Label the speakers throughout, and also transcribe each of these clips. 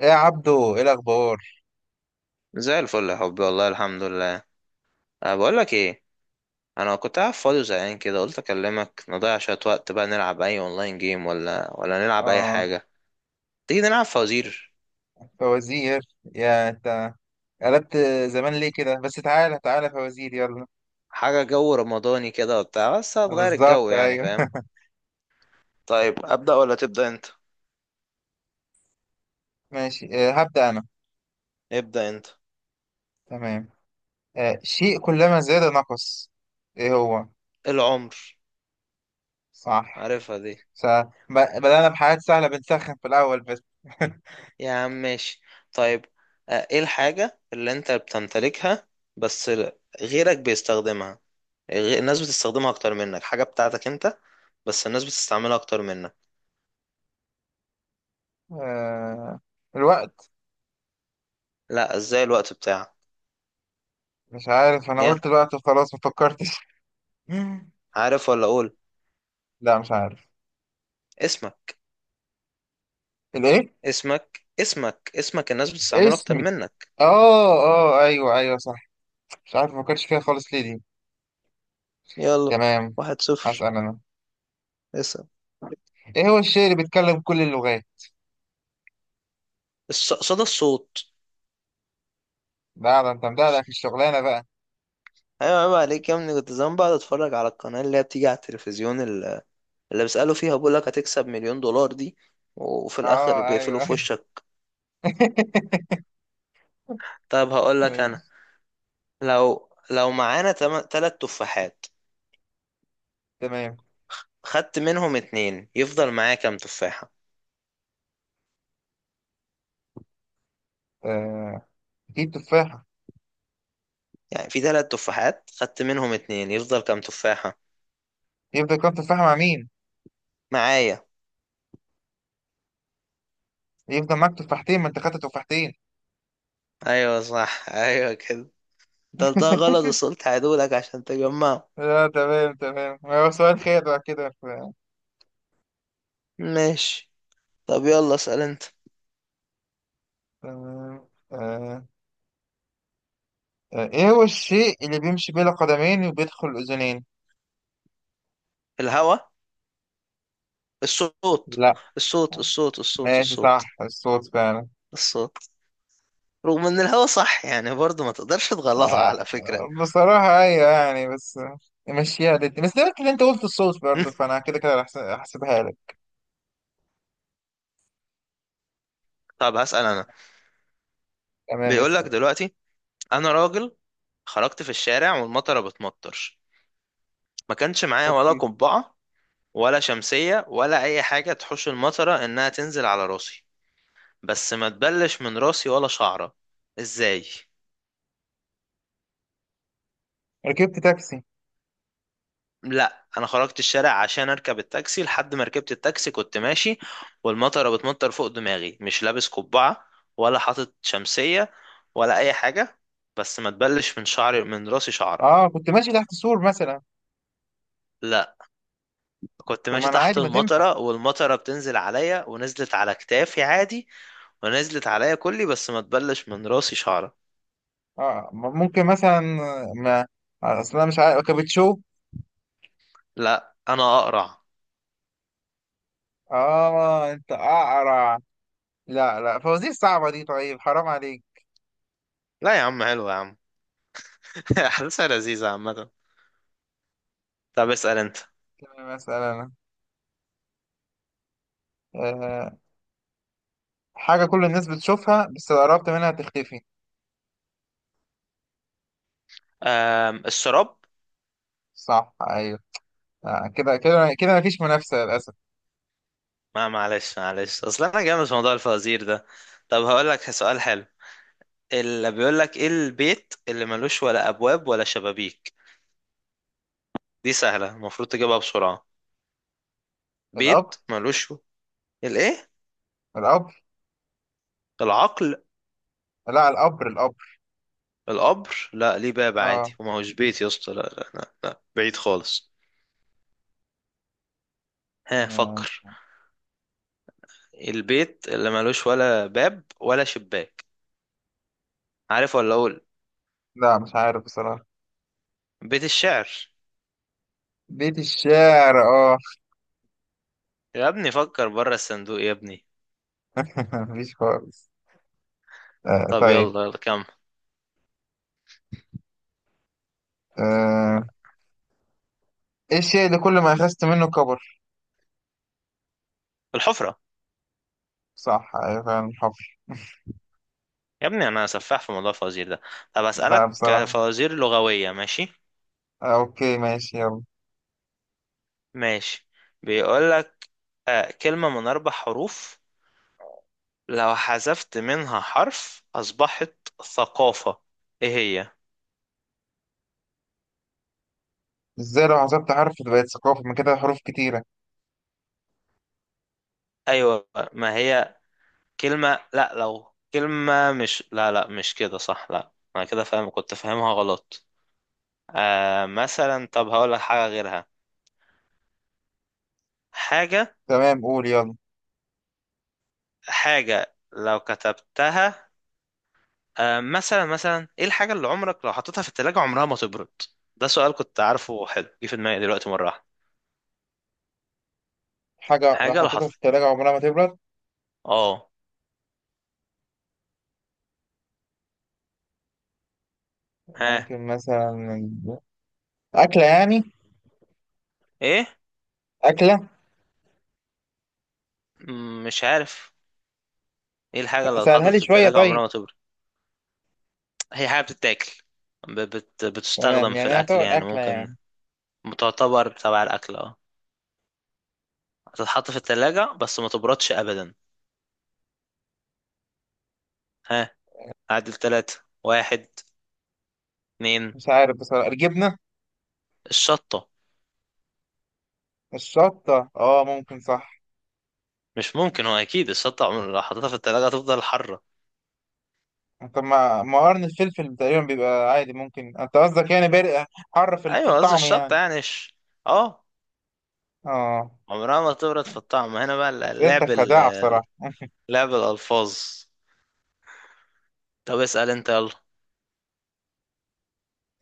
Speaker 1: ايه يا عبدو، ايه الاخبار؟
Speaker 2: زي الفل يا حبي، والله الحمد لله. بقول لك ايه؟ انا كنت قاعد فاضي وزهقان كده، قلت اكلمك نضيع شويه وقت، بقى نلعب اي اونلاين جيم ولا نلعب اي
Speaker 1: اه،
Speaker 2: حاجه. تيجي نلعب فوازير؟
Speaker 1: فوازير. يا انت قلبت زمان ليه كده؟ بس تعالى فوازير، يلا.
Speaker 2: حاجه جو رمضاني كده وبتاع، بس هتغير الجو،
Speaker 1: بالظبط،
Speaker 2: يعني
Speaker 1: ايوه.
Speaker 2: فاهم. طيب ابدا ولا تبدا انت؟
Speaker 1: ماشي، آه، هبدأ انا.
Speaker 2: ابدا انت.
Speaker 1: تمام. شيء كلما زاد نقص، ايه هو؟
Speaker 2: العمر.
Speaker 1: صح.
Speaker 2: عارفها دي.
Speaker 1: س... بدأنا بحاجات سهلة، بنسخن في الاول بس.
Speaker 2: يا عم ماشي. طيب. ايه الحاجه اللي انت بتمتلكها بس غيرك بيستخدمها؟ الناس بتستخدمها اكتر منك، حاجة بتاعتك انت بس الناس بتستعملها اكتر منك.
Speaker 1: آه الوقت.
Speaker 2: لا، ازاي الوقت بتاعك؟
Speaker 1: مش عارف، انا
Speaker 2: يا
Speaker 1: قلت الوقت وخلاص، ما فكرتش.
Speaker 2: عارف ولا اقول؟
Speaker 1: لا مش عارف.
Speaker 2: اسمك
Speaker 1: الايه؟
Speaker 2: اسمك اسمك اسمك، الناس بتستعمله اكتر
Speaker 1: اسمي.
Speaker 2: منك.
Speaker 1: اه. اه ايوه، ايوه صح. مش عارف، ما فكرتش فيها خالص، ليه دي؟
Speaker 2: يلا.
Speaker 1: تمام،
Speaker 2: 1-0.
Speaker 1: هسأل أنا.
Speaker 2: اسم.
Speaker 1: إيه هو الشيء اللي بيتكلم كل اللغات؟
Speaker 2: صدى الصوت.
Speaker 1: لا ده أنت مدعدع في الشغلانة بقى.
Speaker 2: ايوه، عيب عليك يا ابني. كنت زمان بقعد اتفرج على القناه اللي هي بتيجي على التلفزيون اللي بيسالوا فيها بيقول لك هتكسب مليون دولار دي، وفي الاخر
Speaker 1: أه
Speaker 2: بيقفلوا
Speaker 1: أيوه،
Speaker 2: في
Speaker 1: أيوه.
Speaker 2: وشك. طب هقول لك انا،
Speaker 1: ماشي.
Speaker 2: لو معانا تلات تفاحات،
Speaker 1: تمام.
Speaker 2: خدت منهم اتنين، يفضل معايا كام تفاحة؟
Speaker 1: آه، إيه؟ تفاحة.
Speaker 2: يعني في تلات تفاحات، خدت منهم اتنين، يفضل كام تفاحة؟
Speaker 1: يفضل كام تفاحة مع مين؟
Speaker 2: معايا.
Speaker 1: يفضل معاك تفاحتين، ما أنت خدت تفاحتين.
Speaker 2: ايوه صح، ايوه كده. ده غلط، بس قلت هعيدهولك عشان تجمعه.
Speaker 1: لا تمام، تمام، هو سؤال خير بقى كده
Speaker 2: ماشي. طب يلا اسأل انت.
Speaker 1: تمام. آه. إيه هو الشيء اللي بيمشي بلا قدمين وبيدخل أذنين؟
Speaker 2: الهوا. الصوت.
Speaker 1: لا.
Speaker 2: الصوت الصوت الصوت
Speaker 1: ماشي، صح،
Speaker 2: الصوت.
Speaker 1: الصوت فعلا.
Speaker 2: الصوت. رغم ان الهوا صح يعني برضه، ما تقدرش تغلطها
Speaker 1: آه،
Speaker 2: على فكرة.
Speaker 1: بصراحة أيوة يعني، بس مشيها ضدي، بس ده اللي أنت قلت الصوت برضه، فأنا كده كده هحسبها لك.
Speaker 2: طب هسأل انا.
Speaker 1: تمام،
Speaker 2: بيقولك
Speaker 1: اسأل.
Speaker 2: دلوقتي، انا راجل خرجت في الشارع والمطره بتمطر، ما كانش معايا ولا
Speaker 1: أوكي.
Speaker 2: قبعة، ولا شمسية، ولا أي حاجة تحوش المطرة إنها تنزل على راسي، بس ما تبلش من راسي ولا شعرة. إزاي؟
Speaker 1: ركبت تاكسي.
Speaker 2: لا، أنا خرجت الشارع عشان أركب التاكسي، لحد ما ركبت التاكسي كنت ماشي، والمطرة بتمطر فوق دماغي، مش لابس قبعة ولا حاطط شمسية ولا أي حاجة، بس ما تبلش من شعري، من راسي شعرة.
Speaker 1: أه، كنت ماشي تحت سور مثلا.
Speaker 2: لا، كنت
Speaker 1: طب ما
Speaker 2: ماشي
Speaker 1: أنا
Speaker 2: تحت
Speaker 1: عادي، ما تنفع.
Speaker 2: المطرة والمطرة بتنزل عليا ونزلت على كتافي عادي. ونزلت عليا كلي بس ما تبلش من راسي شعرة.
Speaker 1: أه، ممكن مثلا. ما. أصل أنا مش عارف، كابتشو.
Speaker 2: لا انا اقرع.
Speaker 1: أه أنت أقرع. لا لا، فوازير صعبة دي، طيب حرام عليك.
Speaker 2: لا يا عم، حلو يا عم. احداثها لذيذه عامه. طب اسال انت.
Speaker 1: مثلا. أه. حاجة كل الناس بتشوفها، بس لو قربت منها تختفي.
Speaker 2: أم الشراب.
Speaker 1: صح، أيوه. كده كده كده مفيش منافسة للأسف.
Speaker 2: ما معلش معلش، اصل انا جامد في موضوع الفوازير ده. طب هقول لك سؤال حلو. اللي بيقول لك ايه البيت اللي ملوش ولا ابواب ولا شبابيك؟ دي سهله، المفروض تجيبها بسرعه. بيت
Speaker 1: القبر.
Speaker 2: ملوش. الايه؟
Speaker 1: القبر.
Speaker 2: العقل.
Speaker 1: لا، القبر، القبر.
Speaker 2: القبر؟ لا، ليه باب عادي
Speaker 1: اه.
Speaker 2: وما هوش بيت يا اسطى. لا لا لا، لا، بعيد خالص. ها
Speaker 1: آه.
Speaker 2: فكر، البيت اللي ملوش ولا باب ولا شباك. عارف ولا اقول؟
Speaker 1: لا مش عارف بصراحة.
Speaker 2: بيت الشعر.
Speaker 1: بيت الشعر، اه.
Speaker 2: يا ابني فكر بره الصندوق يا ابني.
Speaker 1: مفيش خالص.
Speaker 2: طب
Speaker 1: طيب.
Speaker 2: يلا يلا كمل.
Speaker 1: آه. ايه الشيء اللي كل ما اخذت منه كبر؟
Speaker 2: الحفرة.
Speaker 1: صح، ايوه فعلا، حفر.
Speaker 2: يا ابني انا سفاح في موضوع الفوازير ده. طب
Speaker 1: لا
Speaker 2: اسألك
Speaker 1: بصراحة.
Speaker 2: فوازير لغوية، ماشي؟
Speaker 1: اوكي، ماشي، يلا.
Speaker 2: ماشي. بيقولك، كلمة من اربع حروف، لو حذفت منها حرف اصبحت ثقافة. ايه هي؟
Speaker 1: ازاي لو حسبت حرف بقت ثقافة؟ من كده حروف كتيرة.
Speaker 2: ايوه ما هي كلمة، لا لو كلمة، مش لا لا مش كده صح، لا انا كده فاهم، كنت فاهمها غلط. مثلا، طب هقولك حاجة غيرها. حاجة،
Speaker 1: تمام، قول يلا.
Speaker 2: حاجة لو كتبتها، مثلا، ايه الحاجة اللي عمرك لو حطيتها في التلاجة عمرها ما تبرد؟ ده سؤال كنت عارفه حلو، جه في دماغي دلوقتي مرة واحدة.
Speaker 1: حاجة لو
Speaker 2: حاجة لو
Speaker 1: حطيتها في
Speaker 2: حط،
Speaker 1: التلاجة عمرها ما تبرد؟
Speaker 2: اه ها.
Speaker 1: ممكن مثلا. أكلة يعني.
Speaker 2: ايه؟
Speaker 1: أكلة.
Speaker 2: مش عارف. ايه الحاجة اللي اتحطت
Speaker 1: سهلها لي
Speaker 2: في
Speaker 1: شوية
Speaker 2: التلاجة
Speaker 1: طيب.
Speaker 2: عمرها ما تبرد؟ هي حاجة بتتاكل،
Speaker 1: تمام،
Speaker 2: بتستخدم في
Speaker 1: يعني هي
Speaker 2: الأكل
Speaker 1: طبعا
Speaker 2: يعني،
Speaker 1: أكلة
Speaker 2: ممكن
Speaker 1: يعني.
Speaker 2: تعتبر تبع الأكل، اه. هتتحط في التلاجة بس ما تبردش أبدا. ها، عدل تلاتة. واحد، اتنين.
Speaker 1: مش عارف بصراحة. الجبنة؟
Speaker 2: الشطة.
Speaker 1: الشطة، اه ممكن صح.
Speaker 2: مش ممكن، هو اكيد الشطه عمر لو حطيتها في التلاجة هتفضل حرة.
Speaker 1: طب ما قرن الفلفل تقريبا بيبقى عادي، ممكن انت قصدك يعني بارق، حر في
Speaker 2: ايوه قصدي
Speaker 1: الطعم
Speaker 2: الشطه
Speaker 1: يعني.
Speaker 2: يعني، اه،
Speaker 1: اه.
Speaker 2: عمرها ما تبرد في الطعم. هنا بقى اللعب،
Speaker 1: اسئلتك خداعة بصراحة.
Speaker 2: لعب الالفاظ. طب اسال انت يلا.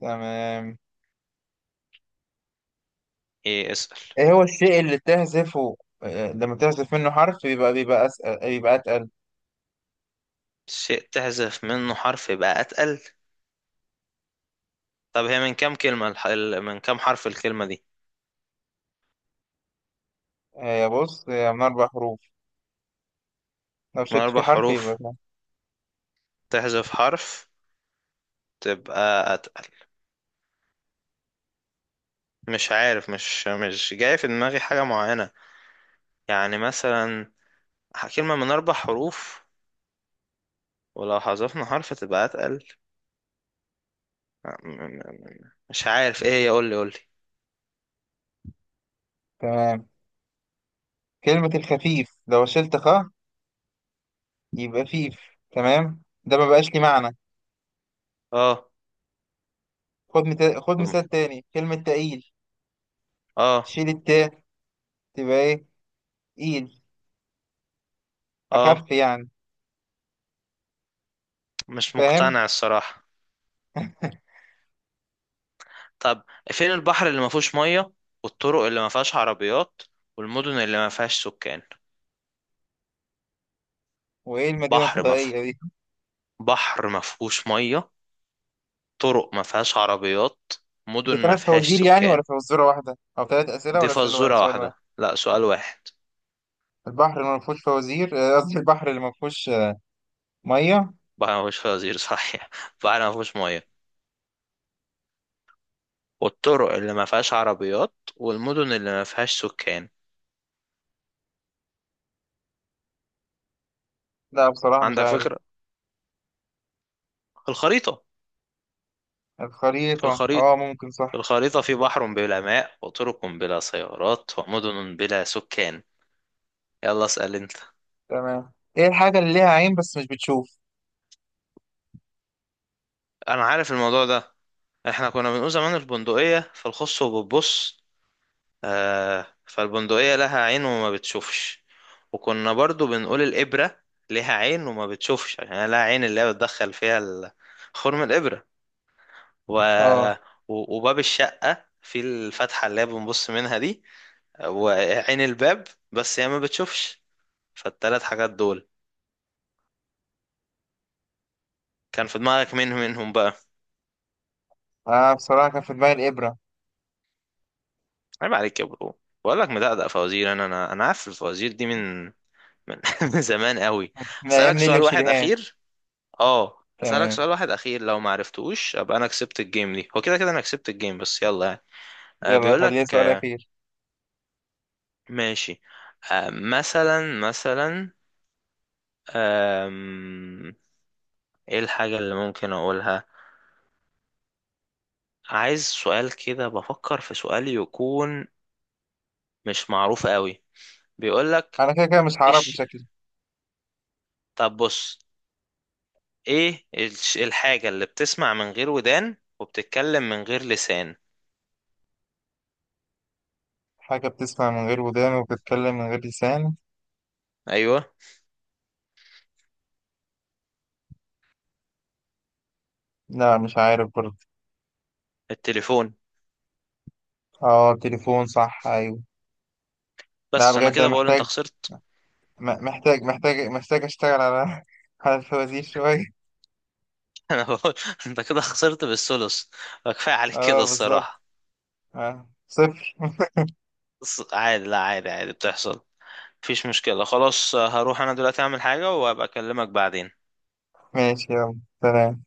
Speaker 1: تمام.
Speaker 2: ايه اسال؟
Speaker 1: ايه هو الشيء اللي تهزفه؟ لما تهزف منه حرف بيبقى أسأل، بيبقى أتقل.
Speaker 2: شيء تحذف منه حرف يبقى اتقل؟ طب هي من كام كلمه، من كام حرف الكلمه دي؟
Speaker 1: بص، هي من أربع حروف، لو
Speaker 2: من
Speaker 1: شلت فيه
Speaker 2: اربع
Speaker 1: حرف يبقى
Speaker 2: حروف،
Speaker 1: ده.
Speaker 2: تحذف حرف، تبقى اتقل. مش عارف، مش جاي في دماغي حاجه معينه، يعني مثلا كلمه من اربع حروف، ولو حذفنا حرف تبقى اتقل. مش عارف ايه هي، قول لي قول لي.
Speaker 1: تمام. كلمة الخفيف، لو شلت خ يبقى فيف، تمام، ده ما بقاش ليه معنى.
Speaker 2: اه
Speaker 1: خد
Speaker 2: طب،
Speaker 1: مثال تاني، كلمة تقيل،
Speaker 2: اه
Speaker 1: شيل التاء تبقى ايه؟ ايد،
Speaker 2: اه
Speaker 1: أخف يعني.
Speaker 2: مش
Speaker 1: فاهم.
Speaker 2: مقتنع الصراحة. طب فين البحر اللي ما فيهوش مية والطرق اللي ما فيهاش عربيات والمدن اللي ما فيهاش سكان؟
Speaker 1: وإيه المدينة
Speaker 2: بحر ما فيه،
Speaker 1: الفضائية دي؟
Speaker 2: بحر ما فيهوش مية، طرق ما فيهاش عربيات،
Speaker 1: دي
Speaker 2: مدن ما
Speaker 1: ثلاث
Speaker 2: فيهاش
Speaker 1: فوازير يعني،
Speaker 2: سكان.
Speaker 1: ولا فزورة واحدة، أو ثلاث أسئلة
Speaker 2: دي
Speaker 1: ولا أسئلة
Speaker 2: فزورة
Speaker 1: سؤال واحد؟
Speaker 2: واحدة، لا سؤال واحد.
Speaker 1: البحر اللي ما فيهوش فوازير، قصدي البحر اللي ما فيهوش مية.
Speaker 2: بحر ما فيهوش فوازير صحيح. بحر ما فيهوش مية، والطرق اللي ما فيهاش عربيات، والمدن اللي ما فيهاش سكان.
Speaker 1: لا بصراحة مش
Speaker 2: عندك
Speaker 1: عارف.
Speaker 2: فكرة؟ الخريطة. في
Speaker 1: الخريطة،
Speaker 2: الخريطة،
Speaker 1: أه ممكن
Speaker 2: في
Speaker 1: صح.
Speaker 2: الخريطة في بحر بلا ماء وطرق بلا سيارات ومدن بلا سكان. يلا اسأل انت.
Speaker 1: تمام. إيه الحاجة اللي ليها عين بس مش بتشوف؟
Speaker 2: انا عارف الموضوع ده، احنا كنا بنقول زمان البندقية فالخص وبتبص. فالبندقية لها عين وما بتشوفش. وكنا برضو بنقول الإبرة لها عين وما بتشوفش، عشان هي لها عين اللي هي بتدخل فيها خرم الإبرة. و...
Speaker 1: أه.
Speaker 2: وباب الشقة في الفتحة اللي هي بنبص منها دي، وعين الباب، بس هي ما بتشوفش. فالتلات حاجات دول كان في دماغك مين منهم بقى؟
Speaker 1: أه بصراحة كان في دماغي الإبرة.
Speaker 2: عيب عليك يا برو. بقول لك مدقدق فوازير انا عارف الفوازير دي من من من زمان قوي.
Speaker 1: من أيام
Speaker 2: هسألك
Speaker 1: نيلي
Speaker 2: سؤال واحد
Speaker 1: وشريهان.
Speaker 2: اخير. اه هسألك
Speaker 1: تمام،
Speaker 2: سؤال واحد اخير، لو ما عرفتوش ابقى انا كسبت الجيم دي، هو كده كده انا كسبت الجيم بس يلا يعني.
Speaker 1: يلا
Speaker 2: بيقول لك،
Speaker 1: خليها سؤال أخير.
Speaker 2: ماشي. مثلا، آم، ايه الحاجة اللي ممكن اقولها؟ عايز سؤال كده، بفكر في سؤال يكون مش معروف قوي. بيقول لك
Speaker 1: أنا كده كده مش هعرف
Speaker 2: ايش.
Speaker 1: بشكل.
Speaker 2: طب بص، ايه الحاجة اللي بتسمع من غير ودان وبتتكلم من غير لسان؟
Speaker 1: حاجة بتسمع من غير ودان وبتتكلم من غير لسان.
Speaker 2: ايوه.
Speaker 1: لا مش عارف برضه.
Speaker 2: التليفون.
Speaker 1: اه، تليفون، صح، ايوه. لا
Speaker 2: بس انا
Speaker 1: بجد انا
Speaker 2: كده بقول انت
Speaker 1: محتاج،
Speaker 2: خسرت.
Speaker 1: محتاج اشتغل على على الفوازير شوية.
Speaker 2: انا بقول انت كده خسرت بالثلث. كفايه عليك كده
Speaker 1: اه بالظبط.
Speaker 2: الصراحة.
Speaker 1: صفر.
Speaker 2: بس عادي، لا عادي عادي بتحصل، مفيش مشكلة. خلاص هروح انا دلوقتي اعمل حاجة وابقى اكلمك بعدين.
Speaker 1: ماشي، يلا، سلام.